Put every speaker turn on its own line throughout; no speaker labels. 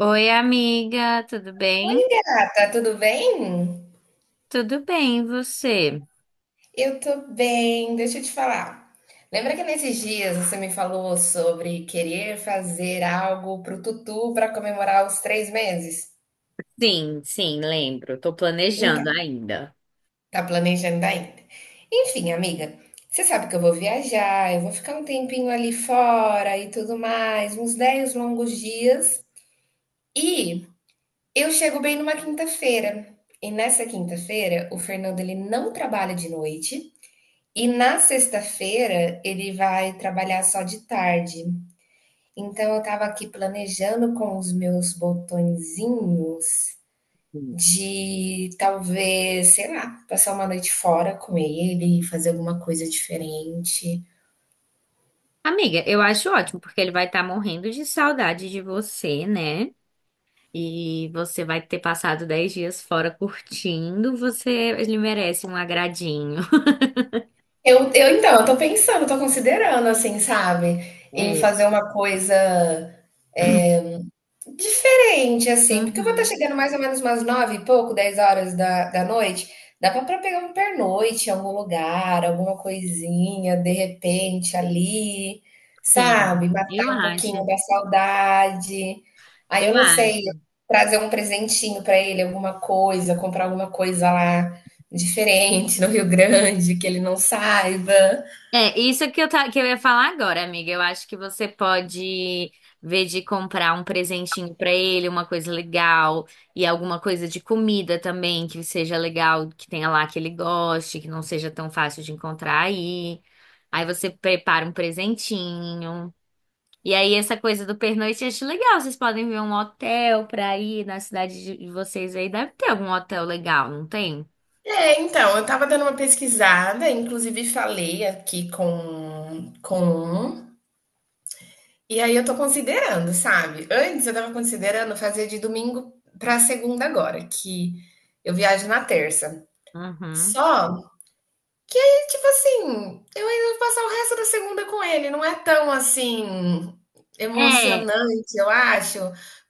Oi, amiga, tudo
Oi,
bem?
gata, tudo bem?
Tudo bem, e você?
Eu tô bem, deixa eu te falar. Lembra que nesses dias você me falou sobre querer fazer algo pro Tutu para comemorar os 3 meses?
Sim, sim, lembro. Tô
Então,
planejando ainda.
tá planejando ainda. Enfim, amiga, você sabe que eu vou viajar, eu vou ficar um tempinho ali fora e tudo mais, uns 10 longos dias. E eu chego bem numa quinta-feira. E nessa quinta-feira, o Fernando ele não trabalha de noite. E na sexta-feira ele vai trabalhar só de tarde. Então eu estava aqui planejando com os meus botõezinhos
Sim.
de talvez, sei lá, passar uma noite fora com ele, fazer alguma coisa diferente.
Amiga, eu acho ótimo, porque ele vai estar morrendo de saudade de você, né? E você vai ter passado 10 dias fora curtindo, você, ele merece um agradinho.
Eu então, eu tô pensando, tô considerando, assim, sabe? Em
É.
fazer uma coisa diferente, assim, porque eu vou estar
Uhum,
chegando mais ou menos umas 9 e pouco, 10 horas da noite. Dá pra pegar um pernoite em algum lugar, alguma coisinha, de repente, ali,
sim,
sabe?
eu
Matar um pouquinho
acho.
da saudade. Aí eu
Eu
não sei,
acho.
trazer um presentinho pra ele, alguma coisa, comprar alguma coisa lá diferente no Rio Grande, que ele não saiba.
É, isso que eu, que eu ia falar agora, amiga. Eu acho que você pode ver de comprar um presentinho pra ele, uma coisa legal, e alguma coisa de comida também que seja legal, que tenha lá que ele goste, que não seja tão fácil de encontrar aí. Aí você prepara um presentinho. E aí essa coisa do pernoite eu acho legal. Vocês podem ver um hotel pra ir na cidade de vocês aí. Deve ter algum hotel legal, não tem?
É, então, eu tava dando uma pesquisada, inclusive falei aqui com um. E aí eu tô considerando, sabe? Antes eu tava considerando fazer de domingo pra segunda agora, que eu viajo na terça.
Uhum.
Só que aí, tipo assim, eu ainda vou passar o resto da segunda com ele. Não é tão assim
É.
emocionante, eu acho,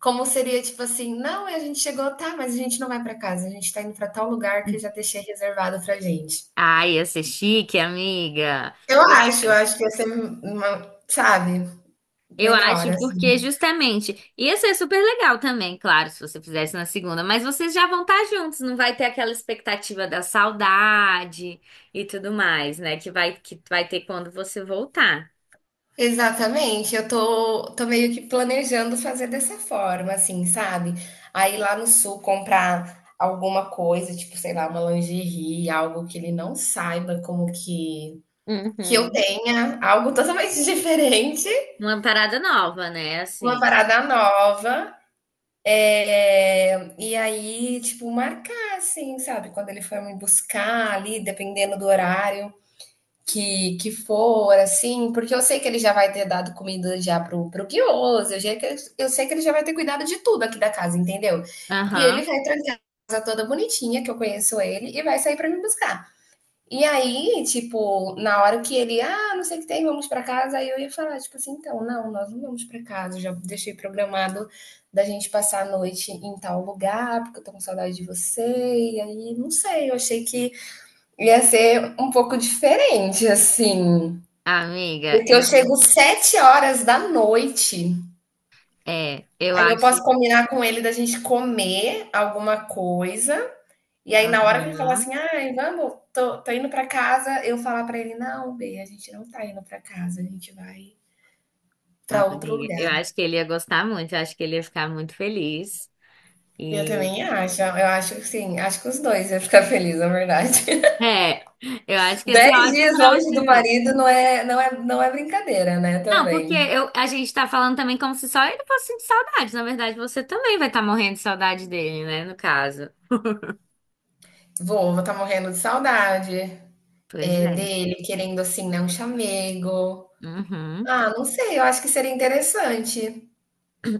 como seria tipo assim, não, a gente chegou, tá, mas a gente não vai pra casa, a gente tá indo pra tal lugar que eu já deixei reservado pra gente.
Ai, ia ser chique, amiga.
Eu acho que ia ser uma, sabe,
Eu
melhor.
acho porque justamente ia ser super legal também, claro, se você fizesse na segunda, mas vocês já vão estar juntos, não vai ter aquela expectativa da saudade e tudo mais, né? Que vai ter quando você voltar.
Exatamente, eu tô meio que planejando fazer dessa forma, assim, sabe? Aí lá no sul comprar alguma coisa, tipo, sei lá, uma lingerie, algo que ele não saiba como que eu
Uhum.
tenha, algo totalmente diferente,
Uma parada nova, né?
uma
Assim.
parada nova. É, e aí, tipo, marcar, assim, sabe? Quando ele for me buscar ali, dependendo do horário. Que for, assim, porque eu sei que ele já vai ter dado comida já pro Guioso, eu sei que ele já vai ter cuidado de tudo aqui da casa, entendeu? E ele
Aham.
vai trancar a casa toda bonitinha, que eu conheço ele, e vai sair pra me buscar. E aí, tipo, na hora que ele, ah, não sei o que tem, vamos pra casa, aí eu ia falar, tipo assim, então, não, nós não vamos pra casa, eu já deixei programado da gente passar a noite em tal lugar, porque eu tô com saudade de você, e aí, não sei, eu achei que ia ser um pouco diferente, assim,
Amiga,
porque eu chego 7 horas da noite,
eu
aí eu
acho.
posso combinar com ele da gente comer alguma coisa, e aí na hora que ele falar
Aham.
assim: "Ai, vamos, tô indo pra casa", eu falar pra ele: "Não, bê, a gente não tá indo pra casa, a gente vai pra
Nossa,
outro
amiga, eu
lugar".
acho que ele ia gostar muito, eu acho que ele ia ficar muito feliz.
Eu
E
também acho, eu acho que sim, acho que os 2 iam ficar feliz, na verdade.
é, eu acho que ia ser
dez
ótimo
dias
pra
longe do
você.
marido não é brincadeira, né,
Não, porque
também.
eu, a gente tá falando também como se só ele fosse sentir saudade. Na verdade, você também vai estar morrendo de saudade dele, né? No caso.
Vou estar morrendo de saudade.
Pois
É,
é.
dele querendo, assim, né, um chamego.
Uhum.
Ah, não sei, eu acho que seria interessante,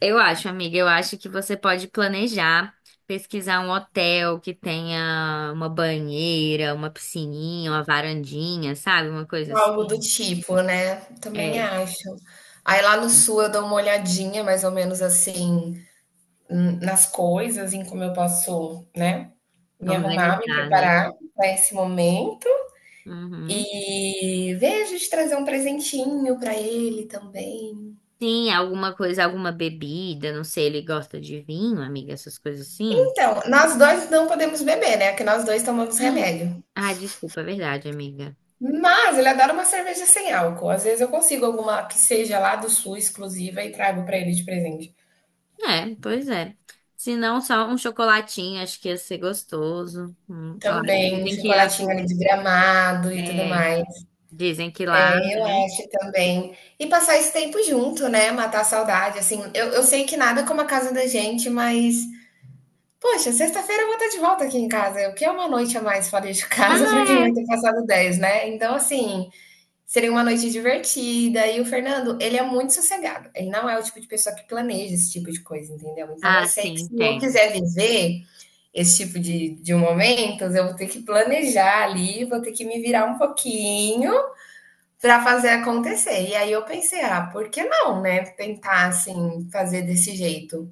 Eu acho, amiga, eu acho que você pode planejar, pesquisar um hotel que tenha uma banheira, uma piscininha, uma varandinha, sabe? Uma coisa assim.
algo do tipo, né, também
É,
acho. Aí lá no sul eu dou uma olhadinha mais ou menos assim, nas coisas, em como eu posso, né, me arrumar, me
organizar, né?
preparar para esse momento
Uhum.
e vejo de trazer um presentinho para ele também.
Sim, alguma coisa, alguma bebida, não sei, ele gosta de vinho, amiga, essas coisas assim.
Então, nós dois não podemos beber, né, que nós 2 tomamos
Hum.
remédio.
Ah, desculpa, é verdade, amiga.
Mas ele adora uma cerveja sem álcool. Às vezes eu consigo alguma que seja lá do Sul exclusiva e trago para ele de presente.
É, pois é. Se não, só um chocolatinho, acho que ia ser gostoso. Lá
Também, um
dizem que ia
chocolatinho ali de Gramado e tudo
é,
mais.
dizem que lá,
É, eu
né?
acho também. E passar esse tempo junto, né? Matar a saudade. Assim, eu sei que nada como a casa da gente, mas, poxa, sexta-feira eu vou estar de volta aqui em casa. O que é uma noite a mais fora de
Ah,
casa para quem vai
é.
ter passado 10, né? Então, assim, seria uma noite divertida. E o Fernando, ele é muito sossegado. Ele não é o tipo de pessoa que planeja esse tipo de coisa, entendeu? Então eu
Ah,
sei que se
sim,
eu
tem.
quiser viver esse tipo de momentos, eu vou ter que planejar ali, vou ter que me virar um pouquinho para fazer acontecer. E aí eu pensei, ah, por que não, né? Tentar assim fazer desse jeito.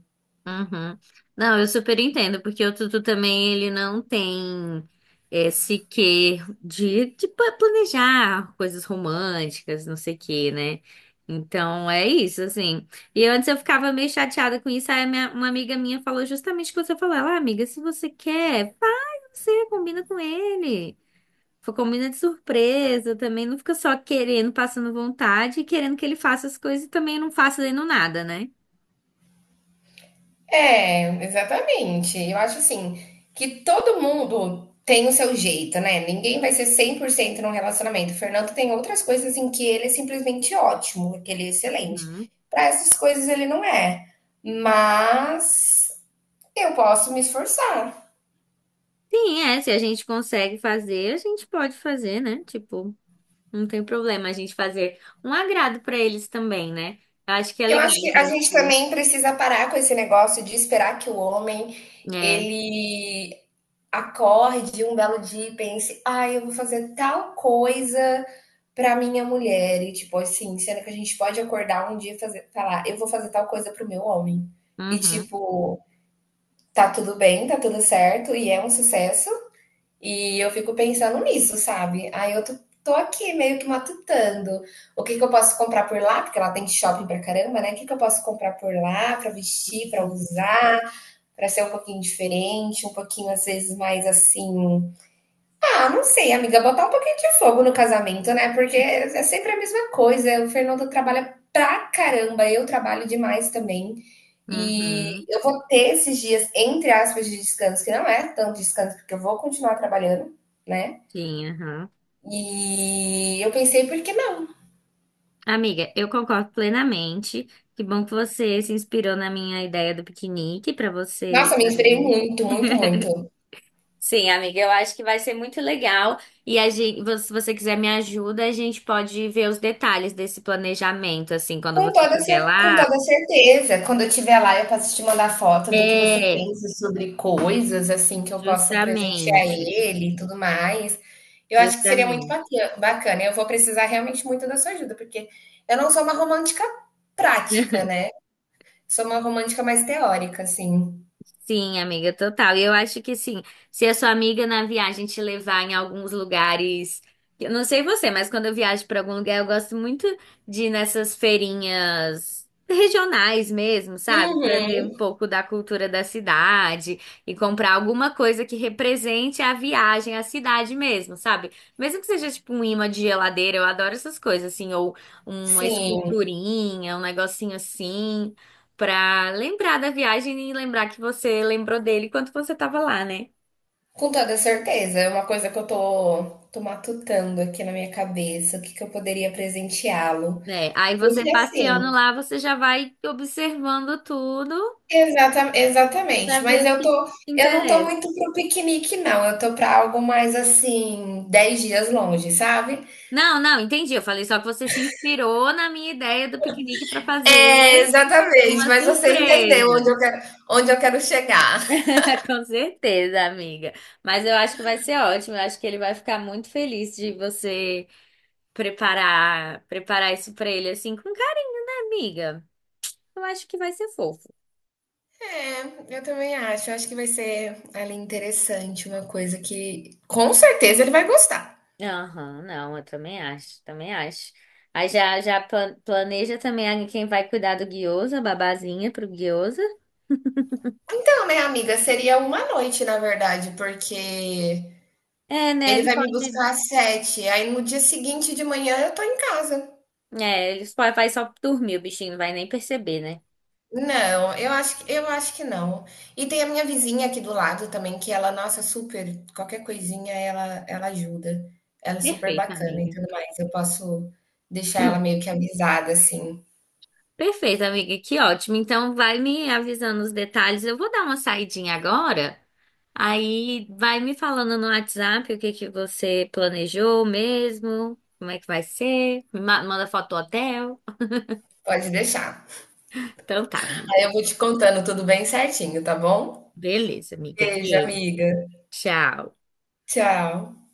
Uhum. Não, eu super entendo, porque o Tutu também ele não tem esse quê de planejar coisas românticas, não sei o quê, né? Então é isso, assim. E antes eu ficava meio chateada com isso, aí a uma amiga minha falou justamente o que você falou. Ela, "Ah, amiga, se você quer, vai você combina com ele. Combina de surpresa também, não fica só querendo, passando vontade e querendo que ele faça as coisas e também não faça fazendo nada, né?
É, exatamente. Eu acho assim, que todo mundo tem o seu jeito, né? Ninguém vai ser 100% num relacionamento. O Fernando tem outras coisas em que ele é simplesmente ótimo, que ele é excelente. Para essas coisas ele não é. Mas eu posso me esforçar.
Sim, é, se a gente consegue fazer, a gente pode fazer, né? Tipo, não tem problema a gente fazer um agrado pra eles também, né? Eu acho que é
Eu
legal
acho que
a
a gente
gente.
também precisa parar com esse negócio de esperar que o homem
É,
ele acorde um belo dia e pense: "Ai, eu vou fazer tal coisa pra minha mulher", e tipo assim, sendo que a gente pode acordar um dia e fazer falar: "Eu vou fazer tal coisa para o meu homem". E
uhum,
tipo, tá tudo bem, tá tudo certo e é um sucesso, e eu fico pensando nisso, sabe. Aí eu tô aqui meio que matutando, o que que eu posso comprar por lá, porque lá tem shopping pra caramba, né. O que que eu posso comprar por lá pra vestir, pra
uhum,
usar, pra ser um pouquinho diferente, um pouquinho às vezes mais assim, ah, não sei, amiga, botar um pouquinho de fogo no casamento, né? Porque é sempre a mesma coisa. O Fernando trabalha pra caramba, eu trabalho demais também. E
uhum,
eu vou ter esses dias, entre aspas, de descanso, que não é tanto descanso, porque eu vou continuar trabalhando, né?
sim, uhum.
E eu pensei, por que não?
Amiga, eu concordo plenamente. Que bom que você se inspirou na minha ideia do piquenique pra você
Nossa, me inspirei
fazer.
muito, muito, muito.
Sim, amiga, eu acho que vai ser muito legal. E a gente, se você quiser me ajuda, a gente pode ver os detalhes desse planejamento, assim, quando
Com
você
toda,
estiver
cer- com
lá.
toda certeza. Quando eu estiver lá, eu posso te mandar foto do que você
É,
pensa sobre coisas, assim, que eu posso presentear
justamente,
ele e tudo mais. Eu acho que seria muito
justamente.
bacana. Eu vou precisar realmente muito da sua ajuda, porque eu não sou uma romântica prática, né? Sou uma romântica mais teórica, assim.
Sim, amiga, total. E eu acho que sim, se a sua amiga na viagem te levar em alguns lugares, eu não sei você, mas quando eu viajo para algum lugar, eu gosto muito de ir nessas feirinhas regionais mesmo, sabe? Para ver
Uhum,
um pouco da cultura da cidade e comprar alguma coisa que represente a viagem, a cidade mesmo, sabe? Mesmo que seja tipo um imã de geladeira, eu adoro essas coisas assim, ou uma
sim,
esculturinha, um negocinho assim pra lembrar da viagem e lembrar que você lembrou dele quando você tava lá, né?
com toda certeza. É uma coisa que eu tô matutando aqui na minha cabeça, o que que eu poderia presenteá-lo.
É, aí você
Porque
passeando
assim.
lá, você já vai observando tudo
Exatamente,
pra
mas
ver o
eu
que
tô
te
eu não tô
interessa.
muito pro piquenique não, eu tô para algo mais, assim, 10 dias longe, sabe.
Não, não, entendi. Eu falei só que você se inspirou na minha ideia do piquenique pra
É,
fazer
exatamente,
uma
mas você entendeu onde
surpresa.
eu quero chegar.
Com certeza, amiga. Mas eu acho que vai ser ótimo. Eu acho que ele vai ficar muito feliz de você preparar, preparar isso pra ele assim com cara, amiga. Eu acho que vai ser fofo.
É, eu também acho, eu acho que vai ser ali interessante, uma coisa que com certeza ele vai gostar.
Aham, não, eu também acho, também acho. Aí já, já planeja também aí quem vai cuidar do guiosa, a babazinha pro guiosa.
Então, né, amiga, seria uma noite, na verdade, porque
É, né?
ele
Ele
vai me
pode.
buscar às 7, aí no dia seguinte de manhã eu tô em casa.
É, ele só vai só dormir, o bichinho não vai nem perceber, né?
Não, eu acho que não. E tem a minha vizinha aqui do lado também, que ela, nossa, super, qualquer coisinha ela ajuda. Ela é super
Perfeito,
bacana e
amiga.
tudo mais. Eu posso deixar ela
Hum.
meio que avisada, assim.
Perfeito, amiga, que ótimo. Então vai me avisando os detalhes. Eu vou dar uma saidinha agora. Aí vai me falando no WhatsApp o que que você planejou mesmo, como é que vai ser. Me manda foto do hotel.
Pode deixar.
Então tá,
Aí
amiga.
eu vou te contando tudo bem certinho, tá bom?
Beleza, amiga.
Beijo,
Beijo.
amiga.
Tchau.
Tchau.